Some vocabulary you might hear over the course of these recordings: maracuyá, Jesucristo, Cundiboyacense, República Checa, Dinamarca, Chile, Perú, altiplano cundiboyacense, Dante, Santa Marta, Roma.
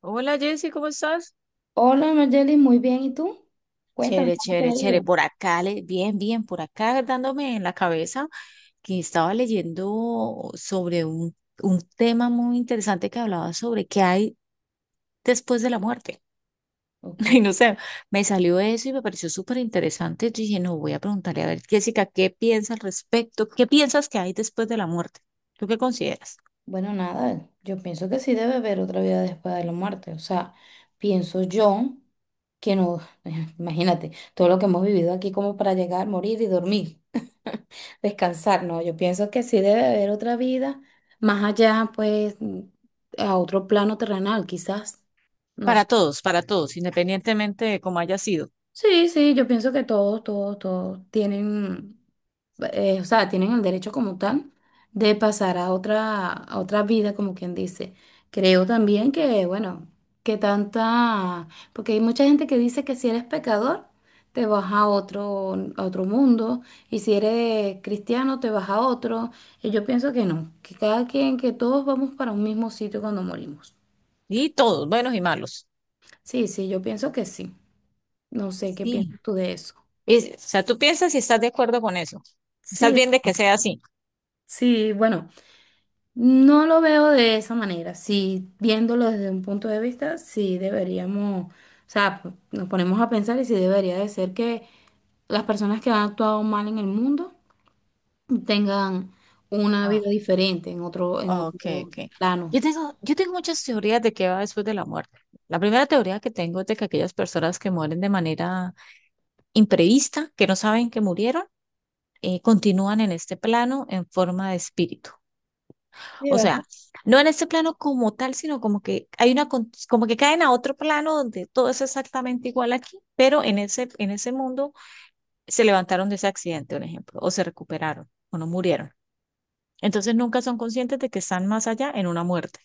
Hola Jessy, ¿cómo estás? Hola, Margelis, muy bien. ¿Y tú? Cuéntame, Chévere, ¿cómo te chévere, ha chévere. ido? Por acá, bien, bien, por acá dándome en la cabeza que estaba leyendo sobre un tema muy interesante que hablaba sobre qué hay después de la muerte. Y Ok, no sé, me salió eso y me pareció súper interesante. Yo dije, no, voy a preguntarle a ver, Jessica, ¿qué piensa al respecto? ¿Qué piensas que hay después de la muerte? ¿Tú qué consideras? bueno, nada, yo pienso que sí debe haber otra vida después de la muerte. O sea, pienso yo que no, imagínate, todo lo que hemos vivido aquí como para llegar, morir y dormir, descansar, no, yo pienso que sí debe haber otra vida más allá, pues, a otro plano terrenal, quizás. No sé. Para todos, independientemente de cómo haya sido. Sí, sí, yo pienso que todos tienen, o sea, tienen el derecho como tal de pasar a otra vida, como quien dice. Creo también que, bueno, que tanta, porque hay mucha gente que dice que si eres pecador, te vas a otro mundo, y si eres cristiano, te vas a otro. Y yo pienso que no, que cada quien, que todos vamos para un mismo sitio cuando morimos. Y todos, buenos y malos. Sí, sí, yo pienso que sí. No sé qué Sí. piensas tú de eso. Y, o sea, tú piensas si estás de acuerdo con eso. Estás Sí. bien de que sea así. Sí, bueno, no lo veo de esa manera. Sí, viéndolo desde un punto de vista, sí deberíamos, o sea, nos ponemos a pensar y sí debería de ser que las personas que han actuado mal en el mundo tengan una Ah, vida diferente en ok, otro ok. plano. Yo tengo muchas teorías de qué va después de la muerte. La primera teoría que tengo es de que aquellas personas que mueren de manera imprevista, que no saben que murieron, continúan en este plano en forma de espíritu. Sí, O ¿verdad? sea, no en este plano como tal, sino como que hay una, como que caen a otro plano donde todo es exactamente igual aquí, pero en ese mundo se levantaron de ese accidente, un ejemplo, o se recuperaron, o no murieron. Entonces nunca son conscientes de que están más allá en una muerte.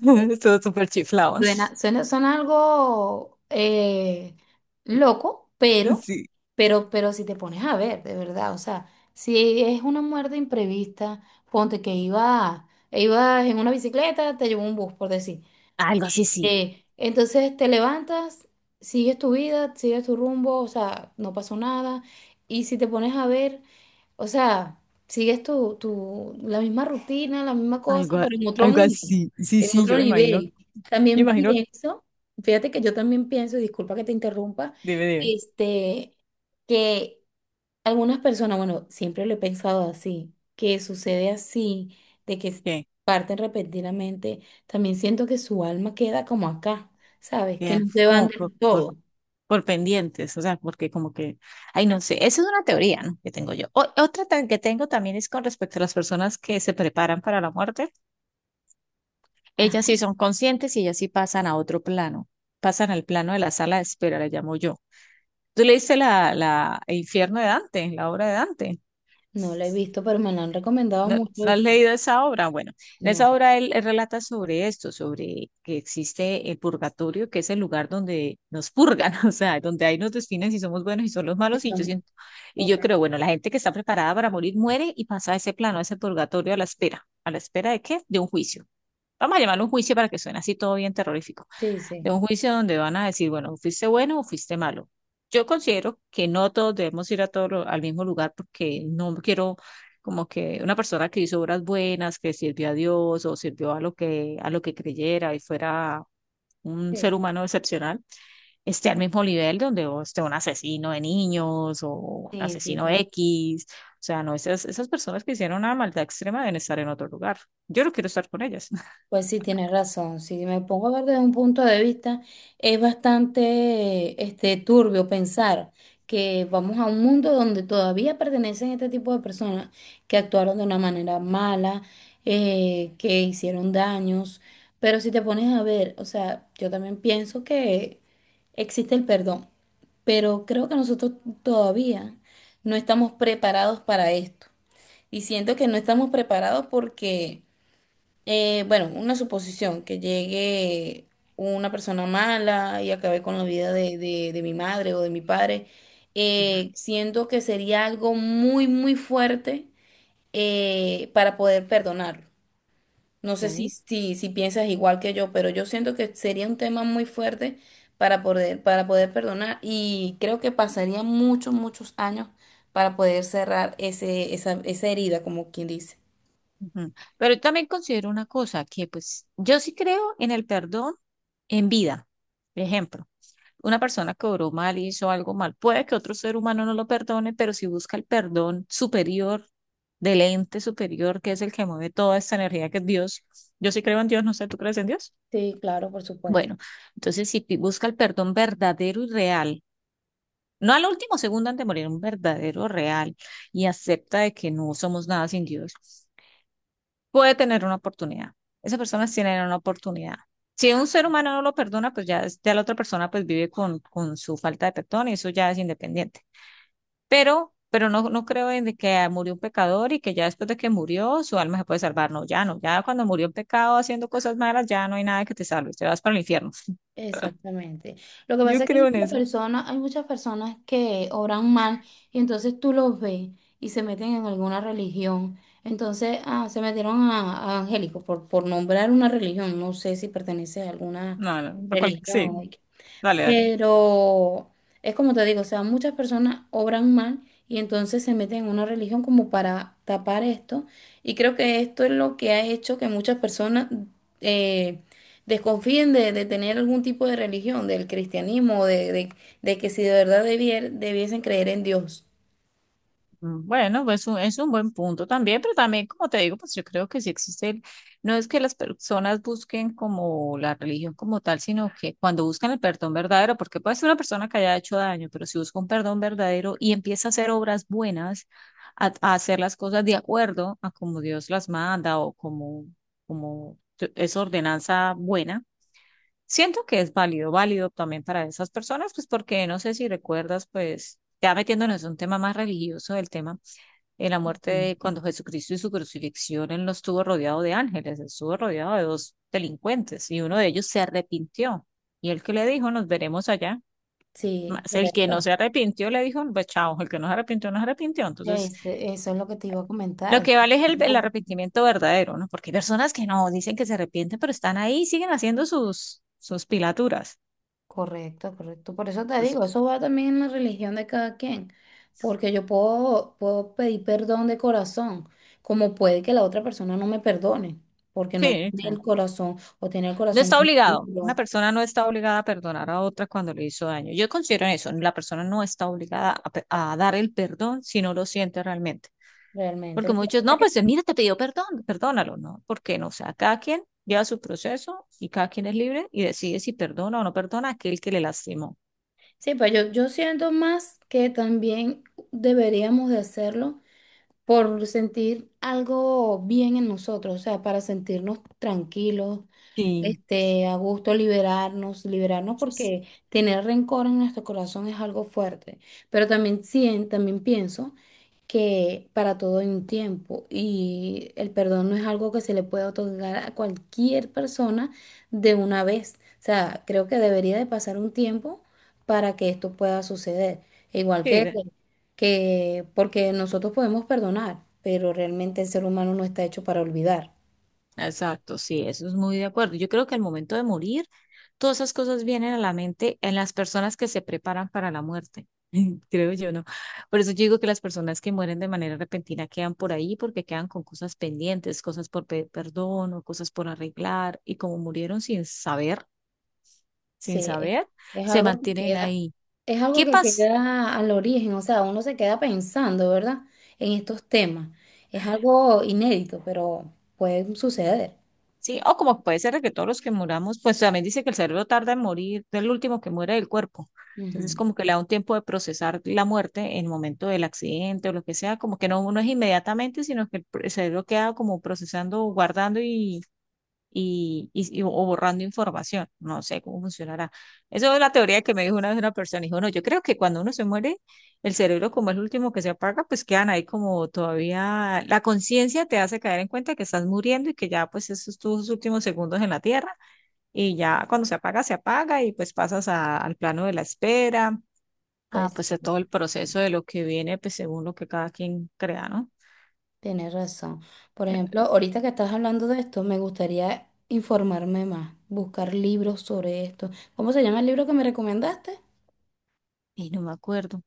Todo súper chiflado. Suena algo loco, pero, Sí, pero si te pones a ver, de verdad, o sea, si es una muerte imprevista, ponte que ibas en una bicicleta, te llevó un bus, por decir. algo así, sí. Entonces te levantas, sigues tu vida, sigues tu rumbo, o sea, no pasó nada. Y si te pones a ver, o sea, sigues la misma rutina, la misma cosa, Algo, a- pero en otro Algo mundo, así. Sí, en sí, otro yo me imagino, nivel. yo También imagino, pienso, fíjate que yo también pienso, y disculpa que te interrumpa, debe, debe, este, que algunas personas, bueno, siempre lo he pensado así, que sucede así, de que que, parten repentinamente, también siento que su alma queda como acá, ¿sabes? Que que no se van como del todo. por pendientes, o sea, porque como que, ay, no sé, esa es una teoría, ¿no? que tengo yo. Otra que tengo también es con respecto a las personas que se preparan para la muerte. Ah, Ellas sí son conscientes y ellas sí pasan a otro plano, pasan al plano de la sala de espera, le llamo yo. ¿Tú leíste El infierno de Dante, la obra de Dante? no lo he visto, pero me lo han recomendado ¿No, mucho no has y leído esa obra? Bueno, en no. esa obra él relata sobre esto, sobre que existe el purgatorio, que es el lugar donde nos purgan, o sea, donde ahí nos definen si somos buenos y son los Sí, malos. Y yo son. siento, y yo creo, bueno, la gente que está preparada para morir muere y pasa a ese plano, a ese purgatorio a la espera. ¿A la espera de qué? De un juicio. Vamos a llamarlo un juicio para que suene así todo bien terrorífico, Sí, de sí, un juicio donde van a decir, bueno, fuiste bueno o fuiste malo. Yo considero que no todos debemos ir a al mismo lugar porque no quiero como que una persona que hizo obras buenas, que sirvió a Dios o sirvió a lo que creyera y fuera un sí. ser humano excepcional, esté al mismo nivel donde o esté un asesino de niños o un Sí, sí, asesino X. O sea, no, esas, esas personas que hicieron una maldad extrema deben estar en otro lugar. Yo no quiero estar con ellas. pues sí, tienes razón. Si me pongo a ver desde un punto de vista, es bastante turbio pensar que vamos a un mundo donde todavía pertenecen este tipo de personas que actuaron de una manera mala, que hicieron daños. Pero si te pones a ver, o sea, yo también pienso que existe el perdón, pero creo que nosotros todavía no estamos preparados para esto. Y siento que no estamos preparados porque, bueno, una suposición, que llegue una persona mala y acabe con la vida de mi madre o de mi padre, Ujú. Siento que sería algo muy, muy fuerte para poder perdonarlo. No sé Ok. Si piensas igual que yo, pero yo siento que sería un tema muy fuerte para para poder perdonar y creo que pasaría muchos, muchos años para poder cerrar esa herida, como quien dice. Ujú. Pero yo también considero una cosa, que pues yo sí creo en el perdón en vida. Por ejemplo, una persona que obró mal, hizo algo mal, puede que otro ser humano no lo perdone, pero si busca el perdón superior del ente superior, que es el que mueve toda esta energía, que es Dios. Yo sí creo en Dios, no sé, ¿tú crees en Dios? Sí, claro, por supuesto. Bueno, entonces si busca el perdón verdadero y real, no al último segundo antes de morir, un verdadero real, y acepta de que no somos nada sin Dios. Puede tener una oportunidad. Esas personas tienen una oportunidad. Si un ser humano no lo perdona, pues ya, ya la otra persona pues vive con su falta de perdón y eso ya es independiente. Pero no, no creo en de que murió un pecador y que ya después de que murió su alma se puede salvar. No, ya no. Ya cuando murió en pecado haciendo cosas malas, ya no hay nada que te salve. Te vas para el infierno. Exactamente. Lo que Yo pasa es que creo en eso. Hay muchas personas que oran mal y entonces tú los ves y se meten en alguna religión. Entonces, ah, se metieron a angélicos por nombrar una religión. No sé si pertenece a alguna No, no, sí, religión. dale, dale. Pero es como te digo, o sea, muchas personas obran mal y entonces se meten en una religión como para tapar esto. Y creo que esto es lo que ha hecho que muchas personas eh, desconfíen de tener algún tipo de religión, del cristianismo, de que si de verdad debiesen creer en Dios. Mm, bueno, pues es un buen punto también, pero también, como te digo, pues yo creo que sí existe no es que las personas busquen como la religión como tal, sino que cuando buscan el perdón verdadero, porque puede ser una persona que haya hecho daño, pero si busca un perdón verdadero y empieza a hacer obras buenas, a hacer las cosas de acuerdo a como Dios las manda o como, como es ordenanza buena, siento que es válido, válido también para esas personas, pues porque no sé si recuerdas, pues ya metiéndonos en un tema más religioso, el tema en la muerte Ujú. de cuando Jesucristo y su crucifixión, él no estuvo rodeado de ángeles, él estuvo rodeado de dos delincuentes y uno de ellos se arrepintió. Y el que le dijo, nos veremos allá. Sí. Más el que no Correcto. se arrepintió le dijo, pues chao, el que no se arrepintió, no se arrepintió. Entonces, Este, eso es lo que te iba a lo comentar. que vale es el arrepentimiento verdadero, ¿no? Porque hay personas que no dicen que se arrepienten, pero están ahí, siguen haciendo sus pilaturas. Correcto, correcto. Por eso te Entonces, digo, eso va también en la religión de cada quien, porque yo puedo pedir perdón de corazón, como puede que la otra persona no me perdone, porque no sí, tiene el sí. corazón o tiene el No corazón está muy obligado. Una duro persona no está obligada a perdonar a otra cuando le hizo daño. Yo considero en eso. La persona no está obligada a, a dar el perdón si no lo siente realmente. realmente. Porque Lo que pasa muchos, es no, que pues mira, te pidió perdón, perdónalo, ¿no? Porque no, o sea, cada quien lleva su proceso y cada quien es libre y decide si perdona o no perdona a aquel que le lastimó. sí, pues yo siento más que también deberíamos de hacerlo por sentir algo bien en nosotros, o sea, para sentirnos tranquilos, Sí. A gusto liberarnos, liberarnos Pues, porque tener rencor en nuestro corazón es algo fuerte. Pero también también pienso que para todo hay un tiempo y el perdón no es algo que se le puede otorgar a cualquier persona de una vez. O sea, creo que debería de pasar un tiempo para que esto pueda suceder. Igual sí, que, que porque nosotros podemos perdonar, pero realmente el ser humano no está hecho para olvidar. exacto, sí, eso es muy de acuerdo. Yo creo que al momento de morir, todas esas cosas vienen a la mente en las personas que se preparan para la muerte, creo yo, ¿no? Por eso yo digo que las personas que mueren de manera repentina quedan por ahí porque quedan con cosas pendientes, cosas por perdón o cosas por arreglar, y como murieron sin saber, Sí, sin saber, es se algo que mantienen queda, ahí. es algo ¿Qué que pasó? queda al origen, o sea, uno se queda pensando, ¿verdad? En estos temas. Es algo inédito, pero puede suceder. Sí, o como puede ser de que todos los que muramos, pues también dice que el cerebro tarda en morir, es el último que muere del cuerpo. Entonces, Ujú. como que le da un tiempo de procesar la muerte en el momento del accidente o lo que sea, como que no, no es inmediatamente, sino que el cerebro queda como procesando, guardando y o borrando información. No sé cómo funcionará. Eso es la teoría que me dijo una vez una persona. Dijo, no, yo creo que cuando uno se muere, el cerebro como es el último que se apaga, pues quedan ahí como todavía, la conciencia te hace caer en cuenta que estás muriendo y que ya pues esos tus últimos segundos en la tierra, y ya cuando se apaga y pues pasas al plano de la espera. Ah, Pues pues sí, a todo el proceso de lo que viene, pues según lo que cada quien crea, ¿no? tienes razón. Por ejemplo, Eh, ahorita que estás hablando de esto, me gustaría informarme más, buscar libros sobre esto. ¿Cómo se llama el libro que me recomendaste? Y no me acuerdo.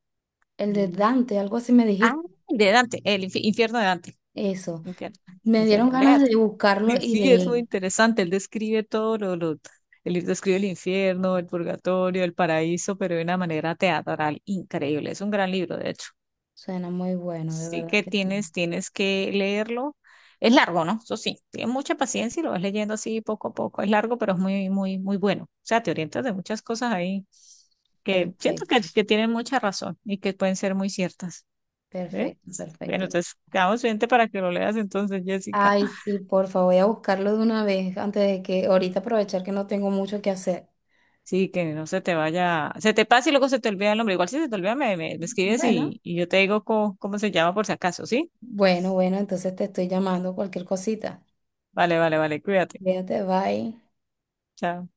El de Mm. Dante, algo así me Ah, dijiste. de Dante, el infierno de Dante. Eso. Infierno, Me dieron infierno, ganas léate. de buscarlo Y y sí, es leer. muy interesante. Él describe todo él describe el infierno, el purgatorio, el paraíso, pero de una manera teatral increíble. Es un gran libro, de hecho. Suena muy bueno, de Sí verdad que que sí. tienes, tienes que leerlo. Es largo, ¿no? Eso sí, tienes mucha paciencia y lo vas leyendo así poco a poco. Es largo, pero es muy, muy, muy bueno. O sea, te orientas de muchas cosas ahí que siento Perfecto. que tienen mucha razón y que pueden ser muy ciertas. ¿Ves? Perfecto, Bueno, perfecto. entonces quedamos pendiente para que lo leas entonces, Jessica. Ay, sí, porfa, voy a buscarlo de una vez antes de que ahorita aprovechar que no tengo mucho que hacer. Sí, que no se te vaya, se te pase y luego se te olvida el nombre. Igual si se te olvida, me escribes Bueno, y yo te digo cómo se llama por si acaso, ¿sí? bueno, bueno, entonces te estoy llamando cualquier cosita. Vale, vale, vale, cuídate. Fíjate, bye. Chao.